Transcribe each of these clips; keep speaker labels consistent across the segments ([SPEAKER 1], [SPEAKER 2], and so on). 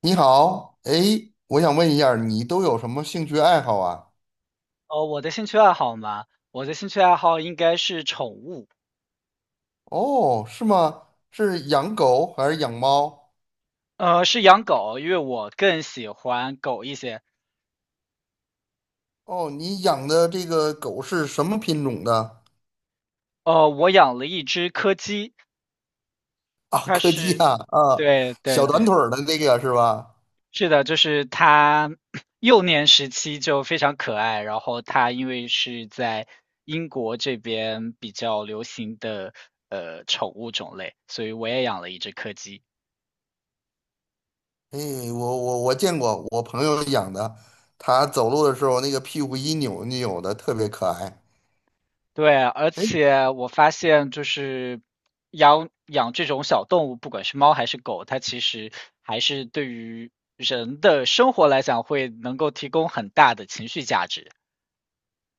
[SPEAKER 1] 你好，哎，我想问一下儿你都有什么兴趣爱好啊？
[SPEAKER 2] 哦，我的兴趣爱好应该是宠物。
[SPEAKER 1] 哦，是吗？是养狗还是养猫？
[SPEAKER 2] 是养狗，因为我更喜欢狗一些。
[SPEAKER 1] 哦，你养的这个狗是什么品种的？
[SPEAKER 2] 我养了一只柯基。
[SPEAKER 1] 啊，
[SPEAKER 2] 它
[SPEAKER 1] 柯基
[SPEAKER 2] 是，
[SPEAKER 1] 啊，啊，
[SPEAKER 2] 对对
[SPEAKER 1] 小短
[SPEAKER 2] 对，
[SPEAKER 1] 腿儿的这个是吧？
[SPEAKER 2] 是的，就是它 幼年时期就非常可爱，然后它因为是在英国这边比较流行的宠物种类，所以我也养了一只柯基。
[SPEAKER 1] 哎，我见过，我朋友养的，他走路的时候那个屁股一扭一扭的，特别可爱。
[SPEAKER 2] 对，而
[SPEAKER 1] 哎。
[SPEAKER 2] 且我发现就是养养这种小动物，不管是猫还是狗，它其实还是对于人的生活来讲，会能够提供很大的情绪价值。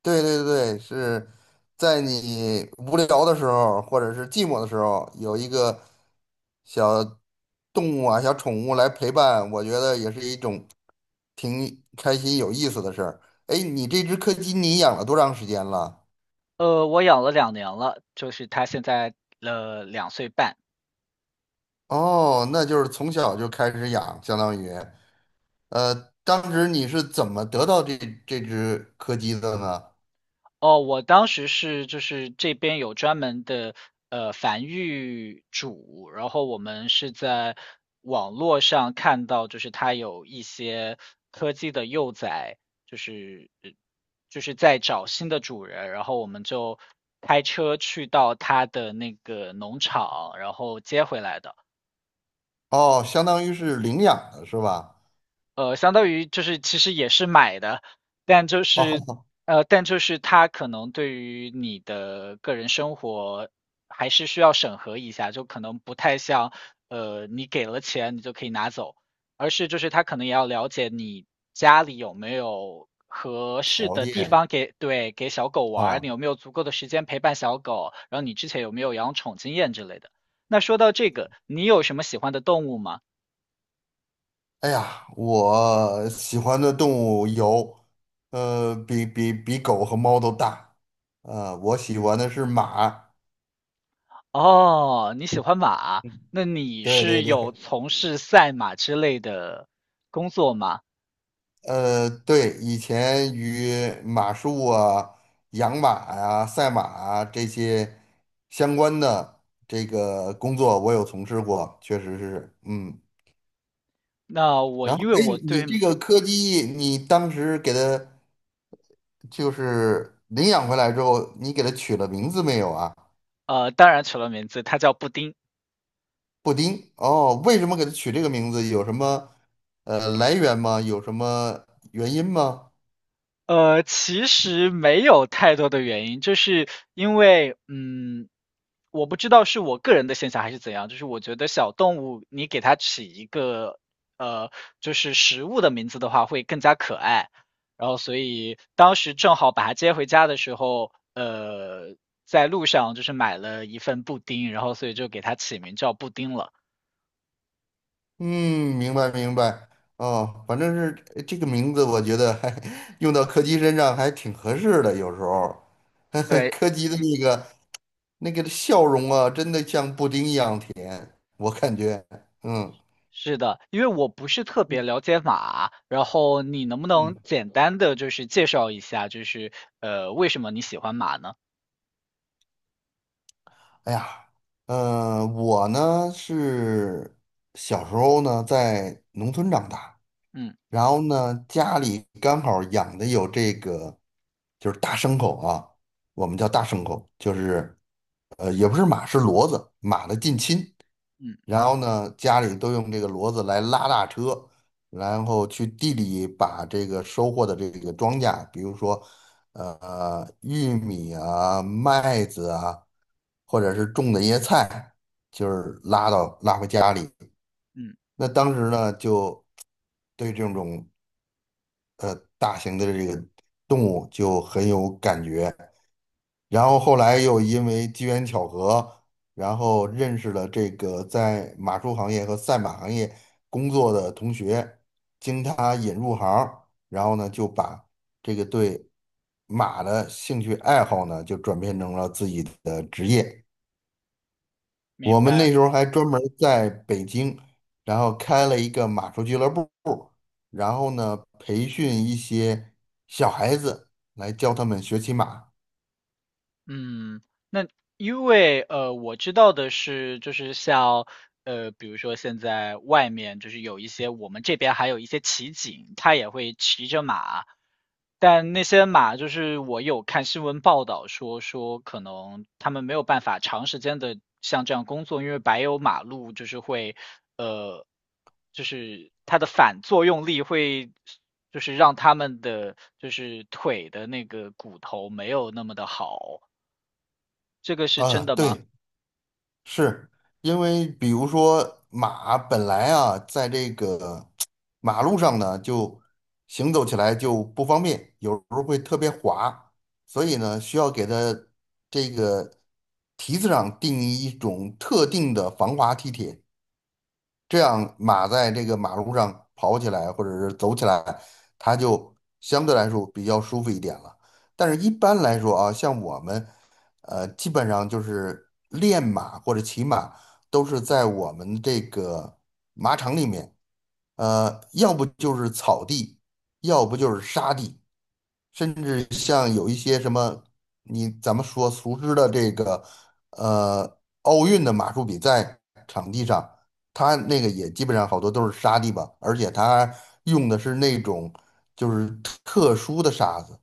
[SPEAKER 1] 对对对，是在你无聊的时候，或者是寂寞的时候，有一个小动物啊、小宠物来陪伴，我觉得也是一种挺开心、有意思的事儿。哎，你这只柯基你养了多长时间了？
[SPEAKER 2] 我养了2年了，就是它现在2岁半。
[SPEAKER 1] 哦，那就是从小就开始养，相当于，呃，当时你是怎么得到这只柯基的呢？
[SPEAKER 2] 哦，我当时是就是这边有专门的繁育主，然后我们是在网络上看到，就是它有一些柯基的幼崽，就是呃就是在找新的主人，然后我们就开车去到它的那个农场，然后接回来的。
[SPEAKER 1] 哦，相当于是领养的是吧？
[SPEAKER 2] 相当于就是其实也是买的，但就是
[SPEAKER 1] 哦，
[SPEAKER 2] 但就是它可能对于你的个人生活还是需要审核一下，就可能不太像你给了钱你就可以拿走，而是就是他可能也要了解你家里有没有合适
[SPEAKER 1] 条
[SPEAKER 2] 的地
[SPEAKER 1] 件
[SPEAKER 2] 方给给小狗玩儿，你
[SPEAKER 1] 啊。
[SPEAKER 2] 有没有足够的时间陪伴小狗，然后你之前有没有养宠经验之类的。那说到这个，你有什么喜欢的动物吗？
[SPEAKER 1] 哎呀，我喜欢的动物有，比狗和猫都大，我喜欢的是马，
[SPEAKER 2] 哦，你喜欢马，那你
[SPEAKER 1] 对对
[SPEAKER 2] 是
[SPEAKER 1] 对，
[SPEAKER 2] 有从事赛马之类的工作吗？
[SPEAKER 1] 对，以前与马术啊、养马呀、赛马啊这些相关的这个工作，我有从事过，确实是，嗯，
[SPEAKER 2] 那我
[SPEAKER 1] 然后，
[SPEAKER 2] 因为
[SPEAKER 1] 哎，
[SPEAKER 2] 我
[SPEAKER 1] 你
[SPEAKER 2] 对。
[SPEAKER 1] 这个柯基，你当时给它就是领养回来之后，你给它取了名字没有啊？
[SPEAKER 2] 当然取了名字，它叫布丁。
[SPEAKER 1] 布丁哦，为什么给它取这个名字？有什么来源吗？有什么原因吗？
[SPEAKER 2] 其实没有太多的原因，就是因为，我不知道是我个人的现象还是怎样，就是我觉得小动物你给它起一个呃，就是食物的名字的话会更加可爱，然后所以当时正好把它接回家的时候，在路上就是买了一份布丁，然后所以就给它起名叫布丁了。
[SPEAKER 1] 嗯，明白明白。哦，反正是这个名字，我觉得还 用到柯基身上还挺合适的。有时候，
[SPEAKER 2] 对，
[SPEAKER 1] 柯基的
[SPEAKER 2] 嗯。
[SPEAKER 1] 那个笑容啊，真的像布丁一样甜，我感觉。嗯
[SPEAKER 2] 是的，因为我不是特别了解马，然后你能不能
[SPEAKER 1] 嗯
[SPEAKER 2] 简单的就是介绍一下，就是为什么你喜欢马呢？
[SPEAKER 1] 哎呀，我呢是小时候呢在农村长大，
[SPEAKER 2] 嗯
[SPEAKER 1] 然后呢家里刚好养的有这个，就是大牲口啊，我们叫
[SPEAKER 2] 嗯
[SPEAKER 1] 大牲口，就是也不是马，是骡子，马的近亲。
[SPEAKER 2] 嗯
[SPEAKER 1] 然后呢，家里都用这个骡子来拉大车，然后去地里把这个收获的这个庄稼，比如说，玉米啊、麦子啊，或者是种的一些菜，就是拉回家里。
[SPEAKER 2] 嗯，
[SPEAKER 1] 那当时呢，就对这种大型的这个动物就很有感觉。然后后来又因为机缘巧合，然后认识了这个在马术行业和赛马行业工作的同学，经他引入行儿然后呢就把这个对马的兴趣爱好呢就转变成了自己的职业。我
[SPEAKER 2] 明
[SPEAKER 1] 们那
[SPEAKER 2] 白。
[SPEAKER 1] 时候还专门儿在北京，然后开了一个马术俱乐部，然后呢培训一些小孩子来教他们学骑马。
[SPEAKER 2] 嗯，那因为我知道的是，就是像比如说现在外面就是有一些我们这边还有一些骑警，他也会骑着马，但那些马就是我有看新闻报道说可能他们没有办法长时间的像这样工作，因为柏油马路就是会呃，就是它的反作用力会就是让他们的就是腿的那个骨头没有那么的好。这个是真
[SPEAKER 1] 啊，
[SPEAKER 2] 的吗？
[SPEAKER 1] 对，是因为，比如说马本来啊，在这个马路上呢，就行走起来就不方便，有时候会特别滑，所以呢，需要给它这个蹄子上定一种特定的防滑蹄铁，这样马在这个马路上跑起来或者是走起来，它就相对来说比较舒服一点了。但是一般来说啊，像我们，基本上就是练马或者骑马，都是在我们这个马场里面，要不就是草地，要不就是沙地。甚至像有一些什么，你咱们说熟知的这个，呃，奥运的马术比赛场地上，它那个也基本上好多都是沙地吧，而且它用的是那种就是特殊的沙子，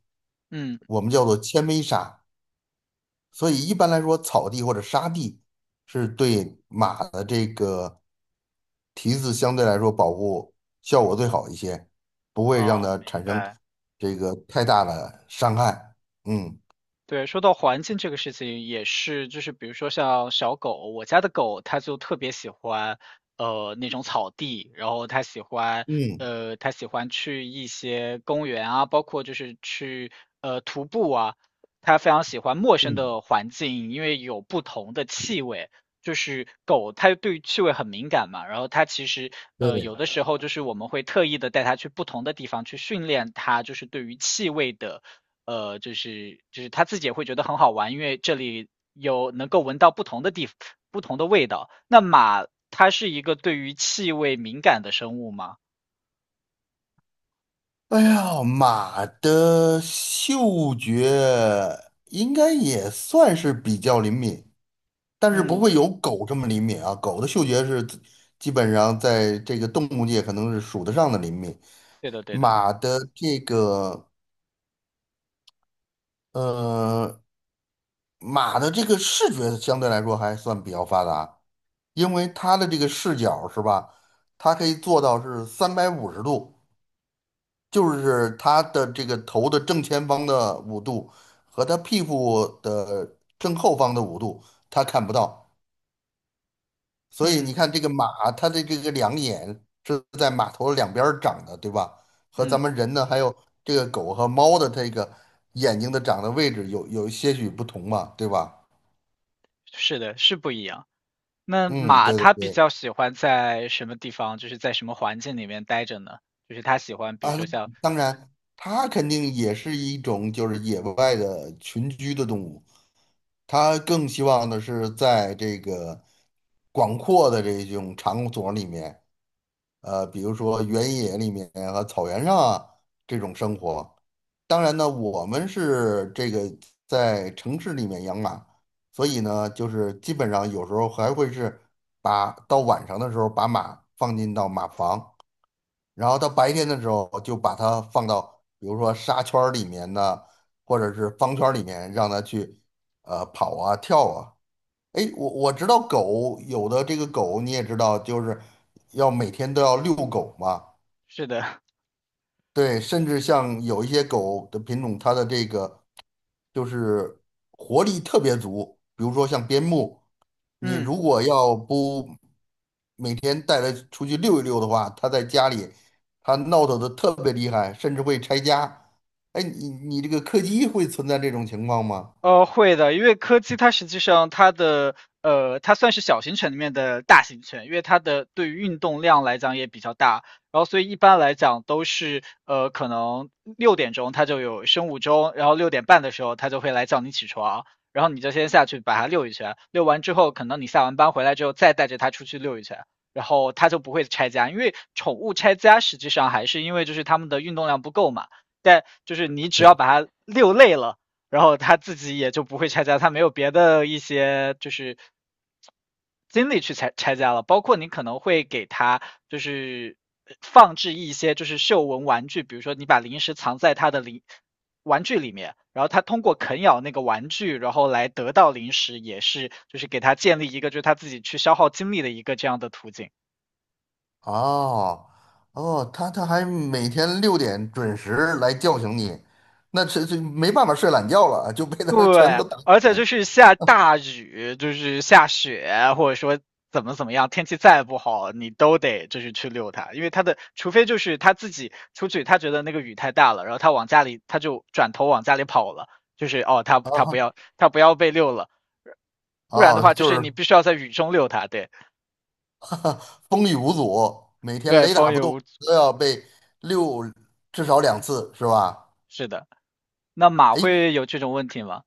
[SPEAKER 2] 嗯，
[SPEAKER 1] 我们叫做纤维沙。所以一般来说，草地或者沙地是对马的这个蹄子相对来说保护效果最好一些，不会让
[SPEAKER 2] 哦，
[SPEAKER 1] 它
[SPEAKER 2] 明
[SPEAKER 1] 产生
[SPEAKER 2] 白。
[SPEAKER 1] 这个太大的伤害。嗯
[SPEAKER 2] 对，说到环境这个事情也是，就是比如说像小狗，我家的狗它就特别喜欢，那种草地，然后它喜欢，
[SPEAKER 1] 嗯
[SPEAKER 2] 呃，它喜欢去一些公园啊，包括就是去徒步啊，它非常喜欢陌生
[SPEAKER 1] 嗯，
[SPEAKER 2] 的环境，因为有不同的气味。就是狗，它对于气味很敏感嘛，然后它其实
[SPEAKER 1] 对。
[SPEAKER 2] 有的时候就是我们会特意的带它去不同的地方去训练它，就是对于气味的。就是他自己也会觉得很好玩，因为这里有能够闻到不同的味道。那马它是一个对于气味敏感的生物吗？
[SPEAKER 1] 哎呀，马的嗅觉应该也算是比较灵敏，但是不
[SPEAKER 2] 嗯，
[SPEAKER 1] 会有狗这么灵敏啊。狗的嗅觉是基本上在这个动物界可能是数得上的灵敏。
[SPEAKER 2] 对的对的，
[SPEAKER 1] 马的这个呃，马的这个视觉相对来说还算比较发达，因为它的这个视角是吧，它可以做到是350度，就是它的这个头的正前方的五度和它屁股的正后方的五度，它看不到。所以你
[SPEAKER 2] 嗯
[SPEAKER 1] 看这个马，它的这个两眼是在马头两边儿长的，对吧？和
[SPEAKER 2] 嗯，
[SPEAKER 1] 咱们人呢，还有这个狗和猫的这个眼睛的长的位置有些许不同嘛，对吧？
[SPEAKER 2] 是的，是不一样。那
[SPEAKER 1] 嗯，
[SPEAKER 2] 马
[SPEAKER 1] 对对
[SPEAKER 2] 它比
[SPEAKER 1] 对，
[SPEAKER 2] 较喜欢在什么地方，就是在什么环境里面待着呢？就是它喜欢，比
[SPEAKER 1] 啊，
[SPEAKER 2] 如说像，
[SPEAKER 1] 当然，它肯定也是一种就是野外的群居的动物，它更希望的是在这个广阔的这种场所里面，比如说原野里面和草原上啊这种生活。当然呢，我们是这个在城市里面养马，所以呢，就是基本上有时候还会是把到晚上的时候把马放进到马房，然后到白天的时候就把它放到比如说沙圈儿里面呢，或者是方圈儿里面，让它去跑啊跳啊。哎，我知道狗有的这个狗你也知道，就是要每天都要遛狗嘛。
[SPEAKER 2] 是的，
[SPEAKER 1] 对，甚至像有一些狗的品种，它的这个就是活力特别足，比如说像边牧，你
[SPEAKER 2] 嗯。
[SPEAKER 1] 如果要不每天带它出去溜一溜的话，它在家里它闹腾的特别厉害，甚至会拆家。哎，你这个柯基会存在这种情况吗？
[SPEAKER 2] 会的，因为柯基它实际上它算是小型犬里面的大型犬，因为它的对于运动量来讲也比较大，然后所以一般来讲都是可能6点钟它就有生物钟，然后6点半的时候它就会来叫你起床，然后你就先下去把它遛一圈，遛完之后可能你下完班回来之后再带着它出去遛一圈，然后它就不会拆家，因为宠物拆家实际上还是因为就是它们的运动量不够嘛，但就是你只要
[SPEAKER 1] 对，
[SPEAKER 2] 把它遛累了。然后他自己也就不会拆家，他没有别的一些就是精力去拆家了。包括你可能会给他就是放置一些就是嗅闻玩具，比如说你把零食藏在他的玩具里面，然后他通过啃咬那个玩具，然后来得到零食，也是就是给他建立一个就是他自己去消耗精力的一个这样的途径。
[SPEAKER 1] 哦哦，它还每天6点准时来叫醒你，那这没办法睡懒觉了，就被它全
[SPEAKER 2] 对，
[SPEAKER 1] 都打死
[SPEAKER 2] 而且就
[SPEAKER 1] 了
[SPEAKER 2] 是下大雨，就是下雪，或者说怎么怎么样，天气再不好，你都得就是去遛它，因为它的，除非就是他自己出去，他觉得那个雨太大了，然后他往家里，他就转头往家里跑了，就是哦，他不要被遛了，不然的
[SPEAKER 1] 哦，
[SPEAKER 2] 话就
[SPEAKER 1] 就
[SPEAKER 2] 是
[SPEAKER 1] 是
[SPEAKER 2] 你必须要在雨中遛它，对
[SPEAKER 1] 风雨无阻，每天
[SPEAKER 2] 对，
[SPEAKER 1] 雷打
[SPEAKER 2] 风
[SPEAKER 1] 不
[SPEAKER 2] 雨
[SPEAKER 1] 动，
[SPEAKER 2] 无阻，
[SPEAKER 1] 都要被六至少2次，是吧？
[SPEAKER 2] 是的。那马
[SPEAKER 1] 哎，
[SPEAKER 2] 会有这种问题吗？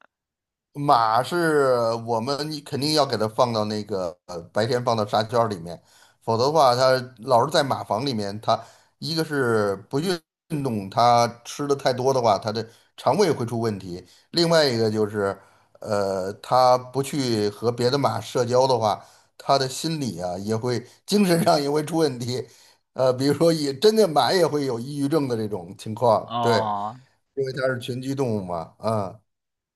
[SPEAKER 1] 马是我们你肯定要给它放到那个白天放到沙圈儿里面，否则的话，它老是在马房里面，它一个是不运动，它吃的太多的话，它的肠胃会出问题；另外一个就是，它不去和别的马社交的话，它的心理啊也会精神上也会出问题，比如说也真的马也会有抑郁症的这种情况，对，
[SPEAKER 2] 哦，
[SPEAKER 1] 因为它是群居动物嘛，啊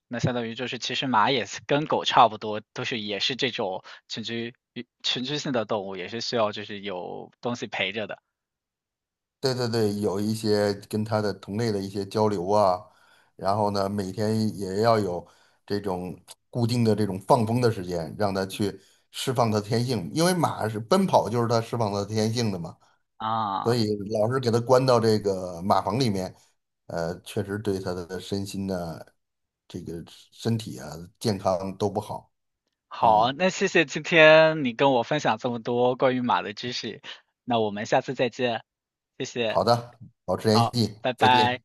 [SPEAKER 2] 那相当于就是，其实马也是跟狗差不多，都是也是这种群居性的动物，也是需要就是有东西陪着的。
[SPEAKER 1] 对对对，有一些跟他的同类的一些交流啊，然后呢，每天也要有这种固定的这种放风的时间，让他
[SPEAKER 2] 嗯
[SPEAKER 1] 去释放他的天性，因为马是奔跑，就是他释放他的天性的嘛，所
[SPEAKER 2] 啊，
[SPEAKER 1] 以老是给他关到这个马房里面，确实对他的身心呢，这个身体啊，健康都不好。
[SPEAKER 2] 好，
[SPEAKER 1] 嗯，
[SPEAKER 2] 那谢谢今天你跟我分享这么多关于马的知识，那我们下次再见，谢谢，
[SPEAKER 1] 好的，保持联
[SPEAKER 2] 好，
[SPEAKER 1] 系，
[SPEAKER 2] 拜
[SPEAKER 1] 再
[SPEAKER 2] 拜。
[SPEAKER 1] 见。